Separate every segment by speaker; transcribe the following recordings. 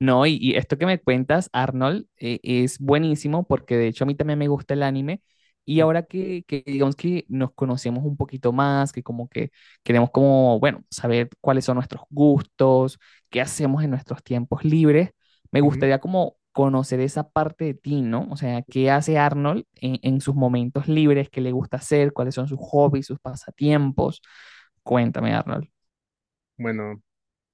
Speaker 1: No, y esto que me cuentas, Arnold, es buenísimo porque de hecho a mí también me gusta el anime. Y
Speaker 2: Ujú.
Speaker 1: ahora que digamos que nos conocemos un poquito más, que como que queremos como, bueno, saber cuáles son nuestros gustos, qué hacemos en nuestros tiempos libres, me gustaría como conocer esa parte de ti, ¿no? O sea, ¿qué hace Arnold en sus momentos libres? ¿Qué le gusta hacer? ¿Cuáles son sus hobbies, sus pasatiempos? Cuéntame, Arnold.
Speaker 2: Bueno,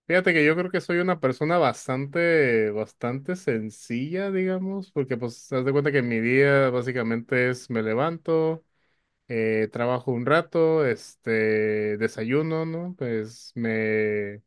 Speaker 2: fíjate que yo creo que soy una persona bastante sencilla, digamos, porque pues haz de cuenta que mi día básicamente es me levanto, trabajo un rato, este, desayuno, ¿no?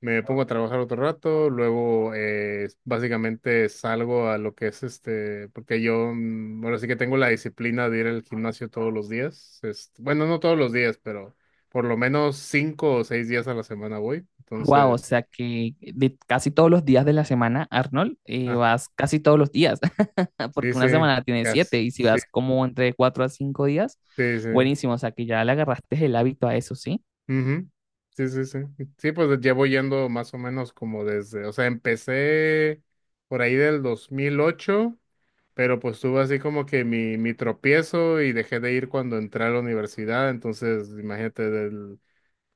Speaker 2: Me pongo a trabajar otro rato, luego básicamente salgo a lo que es este, porque yo ahora sí que tengo la disciplina de ir al gimnasio todos los días. Este, bueno, no todos los días, pero por lo menos cinco o seis días a la semana voy.
Speaker 1: Wow, o
Speaker 2: Entonces,
Speaker 1: sea que de casi todos los días de la semana, Arnold,
Speaker 2: ah,
Speaker 1: vas casi todos los días,
Speaker 2: sí,
Speaker 1: porque una
Speaker 2: sí,
Speaker 1: semana tiene
Speaker 2: casi,
Speaker 1: siete, y si vas como entre 4 a 5 días,
Speaker 2: sí, sí.
Speaker 1: buenísimo, o sea que ya le agarraste el hábito a eso, ¿sí?
Speaker 2: sí. ujú, Sí. Sí, pues llevo yendo más o menos como desde, o sea, empecé por ahí del 2008. Pero pues tuve así como que mi tropiezo y dejé de ir cuando entré a la universidad. Entonces, imagínate, del,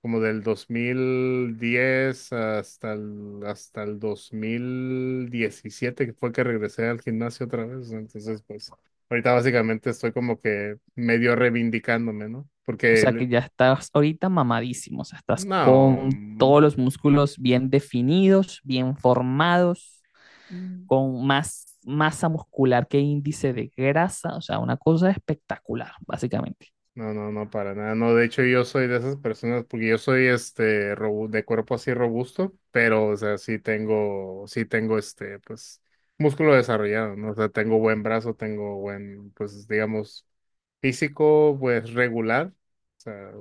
Speaker 2: como del 2010 hasta el 2017, que fue que regresé al gimnasio otra vez, ¿no? Entonces, pues ahorita básicamente estoy como que medio reivindicándome, ¿no?
Speaker 1: O
Speaker 2: Porque,
Speaker 1: sea que ya estás ahorita mamadísimo, o sea, estás
Speaker 2: no,
Speaker 1: con todos los músculos bien definidos, bien formados,
Speaker 2: mm,
Speaker 1: con más masa muscular que índice de grasa, o sea, una cosa espectacular, básicamente.
Speaker 2: no, no, para nada. No, de hecho yo soy de esas personas porque yo soy este robu- de cuerpo así robusto, pero o sea, sí tengo este, pues, músculo desarrollado, ¿no? O sea, tengo buen brazo, tengo buen, pues, digamos, físico, pues, regular. O sea,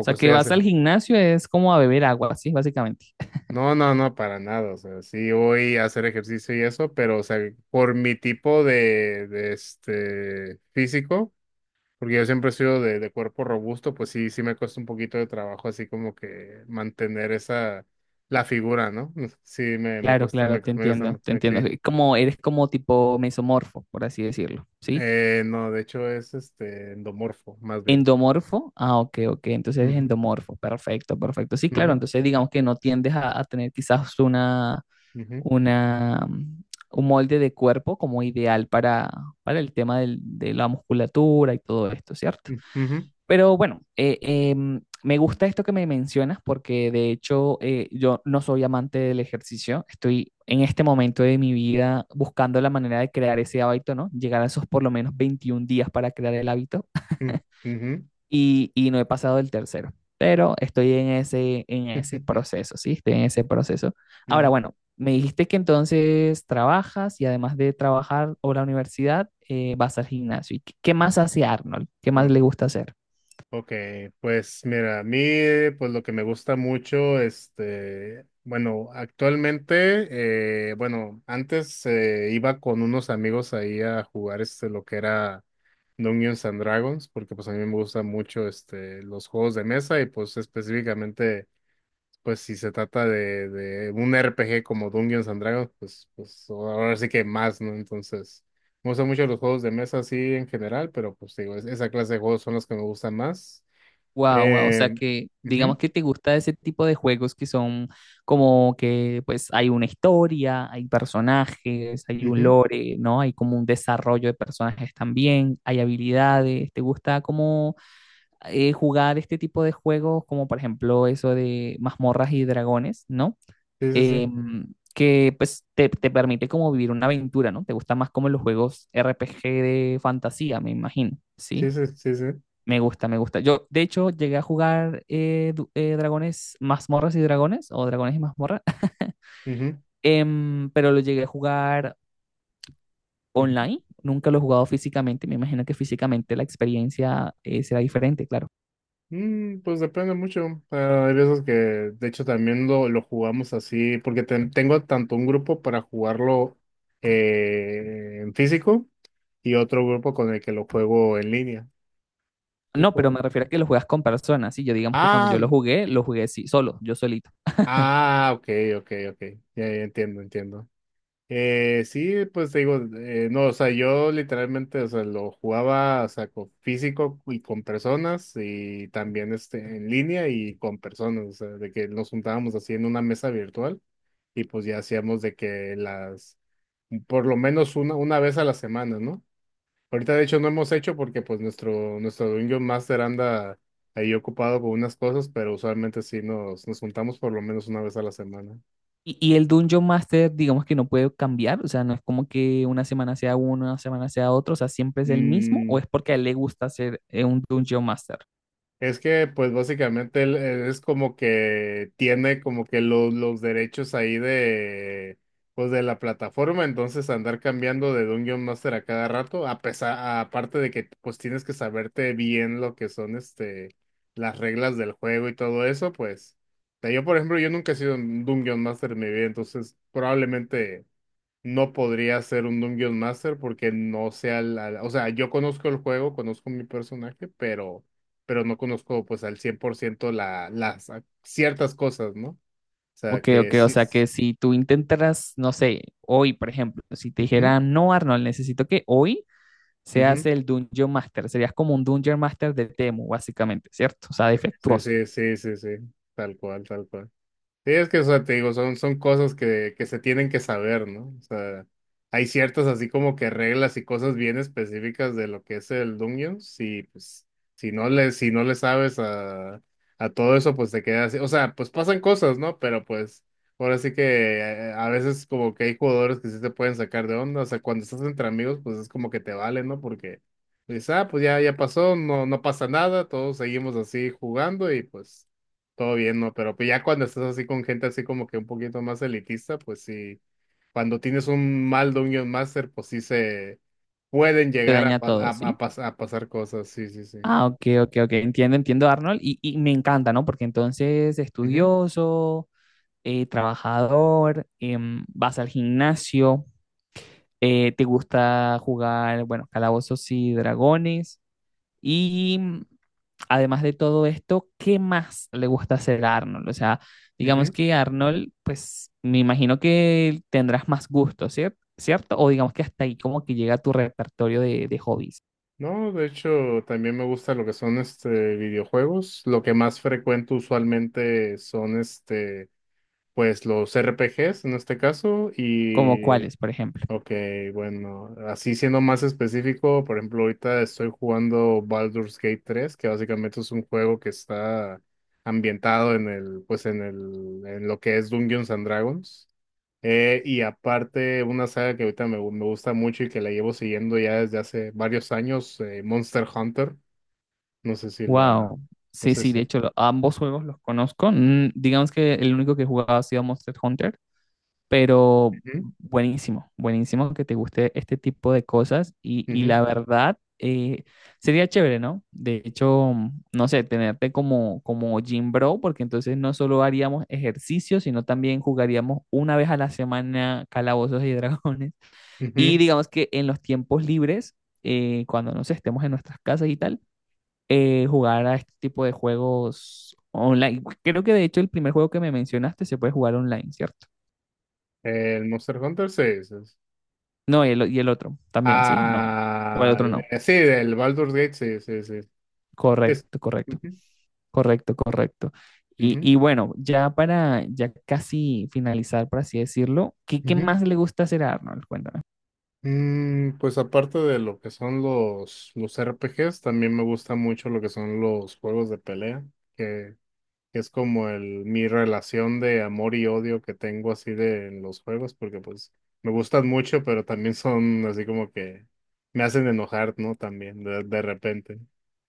Speaker 1: O sea que
Speaker 2: estoy
Speaker 1: vas
Speaker 2: haciendo.
Speaker 1: al gimnasio es como a beber agua, ¿sí? Básicamente.
Speaker 2: No, no, para nada. O sea, sí voy a hacer ejercicio y eso, pero, o sea, por mi tipo de, este físico. Porque yo siempre he sido de cuerpo robusto, pues sí, sí me cuesta un poquito de trabajo así como que mantener esa, la figura, ¿no? Sí, me, me
Speaker 1: Claro,
Speaker 2: cuesta, me,
Speaker 1: claro, te
Speaker 2: me cuesta, me-
Speaker 1: entiendo, te entiendo.
Speaker 2: sí.
Speaker 1: Como eres como tipo mesomorfo, por así decirlo, ¿sí?
Speaker 2: No, de hecho es este endomorfo, más bien.
Speaker 1: Endomorfo, ah, ok, ok, entonces eres
Speaker 2: Ujú,
Speaker 1: endomorfo, perfecto, perfecto. Sí, claro,
Speaker 2: ujú,
Speaker 1: entonces digamos que no tiendes a tener quizás una,
Speaker 2: ujú,
Speaker 1: una, mm, un molde de cuerpo como ideal para el tema de la musculatura y todo esto, ¿cierto?
Speaker 2: ujú,
Speaker 1: Pero bueno, me gusta esto que me mencionas porque de hecho yo no soy amante del ejercicio. Estoy en este momento de mi vida buscando la manera de crear ese hábito, ¿no? Llegar a esos por lo menos 21 días para crear el hábito
Speaker 2: ujú, ujú,
Speaker 1: y no he pasado del tercero. Pero estoy en ese proceso, ¿sí? Estoy en ese proceso. Ahora,
Speaker 2: ujú,
Speaker 1: bueno, me dijiste que entonces trabajas y además de trabajar o la universidad, vas al gimnasio. ¿Y qué más hace Arnold? ¿Qué más le gusta hacer?
Speaker 2: Ok, pues mira, a mí pues lo que me gusta mucho, este, bueno, actualmente, bueno, antes iba con unos amigos ahí a jugar este lo que era Dungeons and Dragons, porque pues a mí me gustan mucho este los juegos de mesa y pues específicamente pues si se trata de, un RPG como Dungeons and Dragons, pues ahora sí que más, ¿no? Entonces, me gustan mucho los juegos de mesa así en general, pero pues digo, es- esa clase de juegos son los que me gustan más.
Speaker 1: Wow, wow, o sea
Speaker 2: Eh,
Speaker 1: que digamos
Speaker 2: ujú,
Speaker 1: que te gusta ese tipo de juegos que son como que pues hay una historia, hay personajes, hay un
Speaker 2: ujú,
Speaker 1: lore, ¿no? Hay como un desarrollo de personajes también, hay habilidades, ¿te gusta como jugar este tipo de juegos como por ejemplo eso de mazmorras y dragones, ¿no?
Speaker 2: Sí, sí.
Speaker 1: Que pues te permite como vivir una aventura, ¿no? Te gusta más como los juegos RPG de fantasía, me imagino,
Speaker 2: Sí,
Speaker 1: ¿sí?
Speaker 2: sí.
Speaker 1: Me gusta, me gusta. Yo, de hecho, llegué a jugar Dragones, Mazmorras y Dragones, o Dragones y Mazmorras,
Speaker 2: ujú,
Speaker 1: pero lo llegué a jugar
Speaker 2: ujú.
Speaker 1: online. Nunca lo he jugado físicamente. Me imagino que físicamente la experiencia será diferente, claro.
Speaker 2: Mm, pues depende mucho. Ah, hay veces que, de hecho, también lo jugamos así, porque ten- tengo tanto un grupo para jugarlo en físico y otro grupo con el que lo juego en línea. Y
Speaker 1: No, pero
Speaker 2: pues.
Speaker 1: me refiero a que lo juegas con personas. Sí, yo digamos que cuando
Speaker 2: Ah,
Speaker 1: yo lo jugué sí, solo, yo solito.
Speaker 2: ok, ok. Ya, ya entiendo, entiendo. Sí, pues te digo, no, o sea, yo literalmente, o sea, lo jugaba, o sea, con físico y con personas y también este, en línea y con personas, o sea, de que nos juntábamos así en una mesa virtual y pues ya hacíamos de que las, por lo menos una vez a la semana, ¿no? Ahorita de hecho no hemos hecho porque pues nuestro Dungeon Master anda ahí ocupado con unas cosas, pero usualmente sí nos juntamos por lo menos una vez a la semana.
Speaker 1: Y el Dungeon Master, digamos que no puede cambiar. O sea, no es como que una semana sea uno, una semana sea otro. O sea, siempre es el mismo, o
Speaker 2: Mm,
Speaker 1: es porque a él le gusta ser un Dungeon Master.
Speaker 2: es que, pues básicamente él es como que tiene como que los derechos ahí de, pues de la plataforma, entonces andar cambiando de Dungeon Master a cada rato, a pesar, aparte de que pues tienes que saberte bien lo que son este, las reglas del juego y todo eso, pues, o sea, yo por ejemplo, yo nunca he sido un Dungeon Master en mi vida, entonces probablemente no podría ser un Dungeon Master porque no sé al o sea, yo conozco el juego, conozco mi personaje, pero no conozco pues al 100% la, las a- ciertas cosas, ¿no? O sea,
Speaker 1: Ok,
Speaker 2: que
Speaker 1: ok, o
Speaker 2: sí,
Speaker 1: sea que si tú intentaras, no sé, hoy, por ejemplo, si te dijera,
Speaker 2: ujú,
Speaker 1: no, Arnold, necesito que hoy seas
Speaker 2: ujú,
Speaker 1: el Dungeon Master, serías como un Dungeon Master de Temu, básicamente, ¿cierto? O sea,
Speaker 2: sí,
Speaker 1: defectuoso,
Speaker 2: sí, tal cual, tal cual. Sí, es que, o sea, te digo, son, son cosas que se tienen que saber, ¿no? O sea, hay ciertas así como que reglas y cosas bien específicas de lo que es el Dungeon. Y pues, si no le, si no le sabes a todo eso, pues te quedas así. O sea, pues pasan cosas, ¿no? Pero pues, ahora sí que a veces como que hay jugadores que sí te pueden sacar de onda. O sea, cuando estás entre amigos, pues es como que te vale, ¿no? Porque dices, ah, pues ya, ya pasó, no, no pasa nada, todos seguimos así jugando y pues. Todo bien, ¿no? Pero pues ya cuando estás así con gente así como que un poquito más elitista, pues sí, cuando tienes un mal Dungeon Master, pues sí se pueden
Speaker 1: se
Speaker 2: llegar a,
Speaker 1: daña todo, ¿sí?
Speaker 2: pasar cosas, sí, sí.
Speaker 1: Ah, ok, ok, ok, entiendo, entiendo, Arnold, y me encanta, ¿no? Porque entonces,
Speaker 2: Ujú,
Speaker 1: estudioso, trabajador, vas al gimnasio, te gusta jugar, bueno, calabozos y dragones, y... además de todo esto, ¿qué más le gusta hacer a Arnold? O sea, digamos
Speaker 2: ujú.
Speaker 1: que Arnold, pues me imagino que tendrás más gusto, ¿cierto? O digamos que hasta ahí como que llega tu repertorio de hobbies,
Speaker 2: No, de hecho, también me gusta lo que son este videojuegos. Lo que más frecuento usualmente son este, pues los RPGs en este caso,
Speaker 1: como
Speaker 2: y
Speaker 1: cuáles, por ejemplo.
Speaker 2: ok, bueno, así siendo más específico, por ejemplo, ahorita estoy jugando Baldur's Gate tres, que básicamente es un juego que está ambientado en el, pues en el, en lo que es Dungeons and Dragons. Y aparte, una saga que ahorita me gusta mucho y que la llevo siguiendo ya desde hace varios años, Monster Hunter. No sé si
Speaker 1: Wow.
Speaker 2: no
Speaker 1: Sí,
Speaker 2: sé
Speaker 1: sí,
Speaker 2: si.
Speaker 1: de hecho, ambos juegos los conozco. Mm, digamos que el único que he jugado ha sido Monster Hunter, pero
Speaker 2: Ujú,
Speaker 1: buenísimo, buenísimo que te guste este tipo de cosas y
Speaker 2: ujú,
Speaker 1: la verdad sería chévere, ¿no? De hecho, mm, no sé, tenerte como, gym bro, porque entonces no solo haríamos ejercicio, sino también jugaríamos una vez a la semana calabozos y dragones. Y
Speaker 2: ujú.
Speaker 1: digamos que en los tiempos libres, cuando no sé, estemos en nuestras casas y tal, jugar a este tipo de juegos online. Creo que de hecho el primer juego que me mencionaste se puede jugar online, ¿cierto?
Speaker 2: El Monster Hunter, sí. Sí.
Speaker 1: No, y el otro también, ¿sí? No. O el
Speaker 2: Ah,
Speaker 1: otro no.
Speaker 2: sí, el Baldur's Gate, sí, sí. Es,
Speaker 1: Correcto, correcto,
Speaker 2: ujú,
Speaker 1: correcto, correcto. Y,
Speaker 2: ujú,
Speaker 1: y bueno, ya para ya casi finalizar, por así decirlo, ¿qué
Speaker 2: ujú.
Speaker 1: más le gusta hacer a Arnold? Cuéntame.
Speaker 2: Mm, pues aparte de lo que son los RPGs, también me gusta mucho lo que son los juegos de pelea, que, que es como el, mi relación de amor y odio que tengo así de en los juegos, porque pues me gustan mucho, pero también son así como que me hacen enojar, ¿no? También de repente.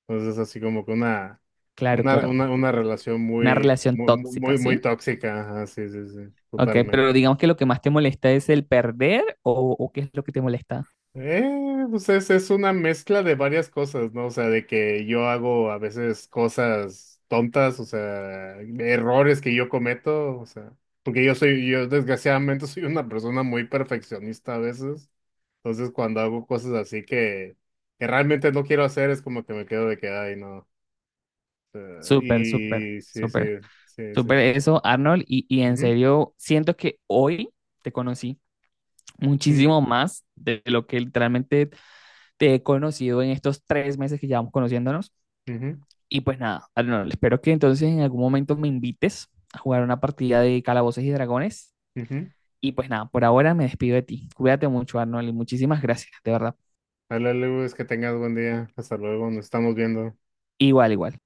Speaker 2: Entonces así como que
Speaker 1: Claro, claro.
Speaker 2: una relación
Speaker 1: Una
Speaker 2: muy,
Speaker 1: relación
Speaker 2: muy,
Speaker 1: tóxica,
Speaker 2: muy, muy
Speaker 1: ¿sí?
Speaker 2: tóxica, así, sí, sí,
Speaker 1: Ok, pero
Speaker 2: totalmente.
Speaker 1: digamos que lo que más te molesta es el perder o qué es lo que te molesta.
Speaker 2: Pues es una mezcla de varias cosas, ¿no? O sea, de que yo hago a veces cosas tontas, o sea, errores que yo cometo, o sea, porque yo desgraciadamente soy una persona muy perfeccionista a veces, entonces cuando hago cosas así que realmente no quiero hacer es como que me quedo de que, ay, no, o sea,
Speaker 1: Súper, súper,
Speaker 2: y sí, sí,
Speaker 1: súper,
Speaker 2: sí, sí,
Speaker 1: súper
Speaker 2: sí.
Speaker 1: eso, Arnold. Y en
Speaker 2: Ujú,
Speaker 1: serio, siento que hoy te conocí
Speaker 2: ujú,
Speaker 1: muchísimo más de lo que literalmente te he conocido en estos 3 meses que llevamos conociéndonos.
Speaker 2: ujú,
Speaker 1: Y pues nada, Arnold, espero que entonces en algún momento me invites a jugar una partida de Calabozos y Dragones.
Speaker 2: ujú.
Speaker 1: Y pues nada, por ahora me despido de ti. Cuídate mucho, Arnold, y muchísimas gracias, de verdad.
Speaker 2: Dale, Lu, es que tengas buen día, hasta luego, nos estamos viendo.
Speaker 1: Igual, igual.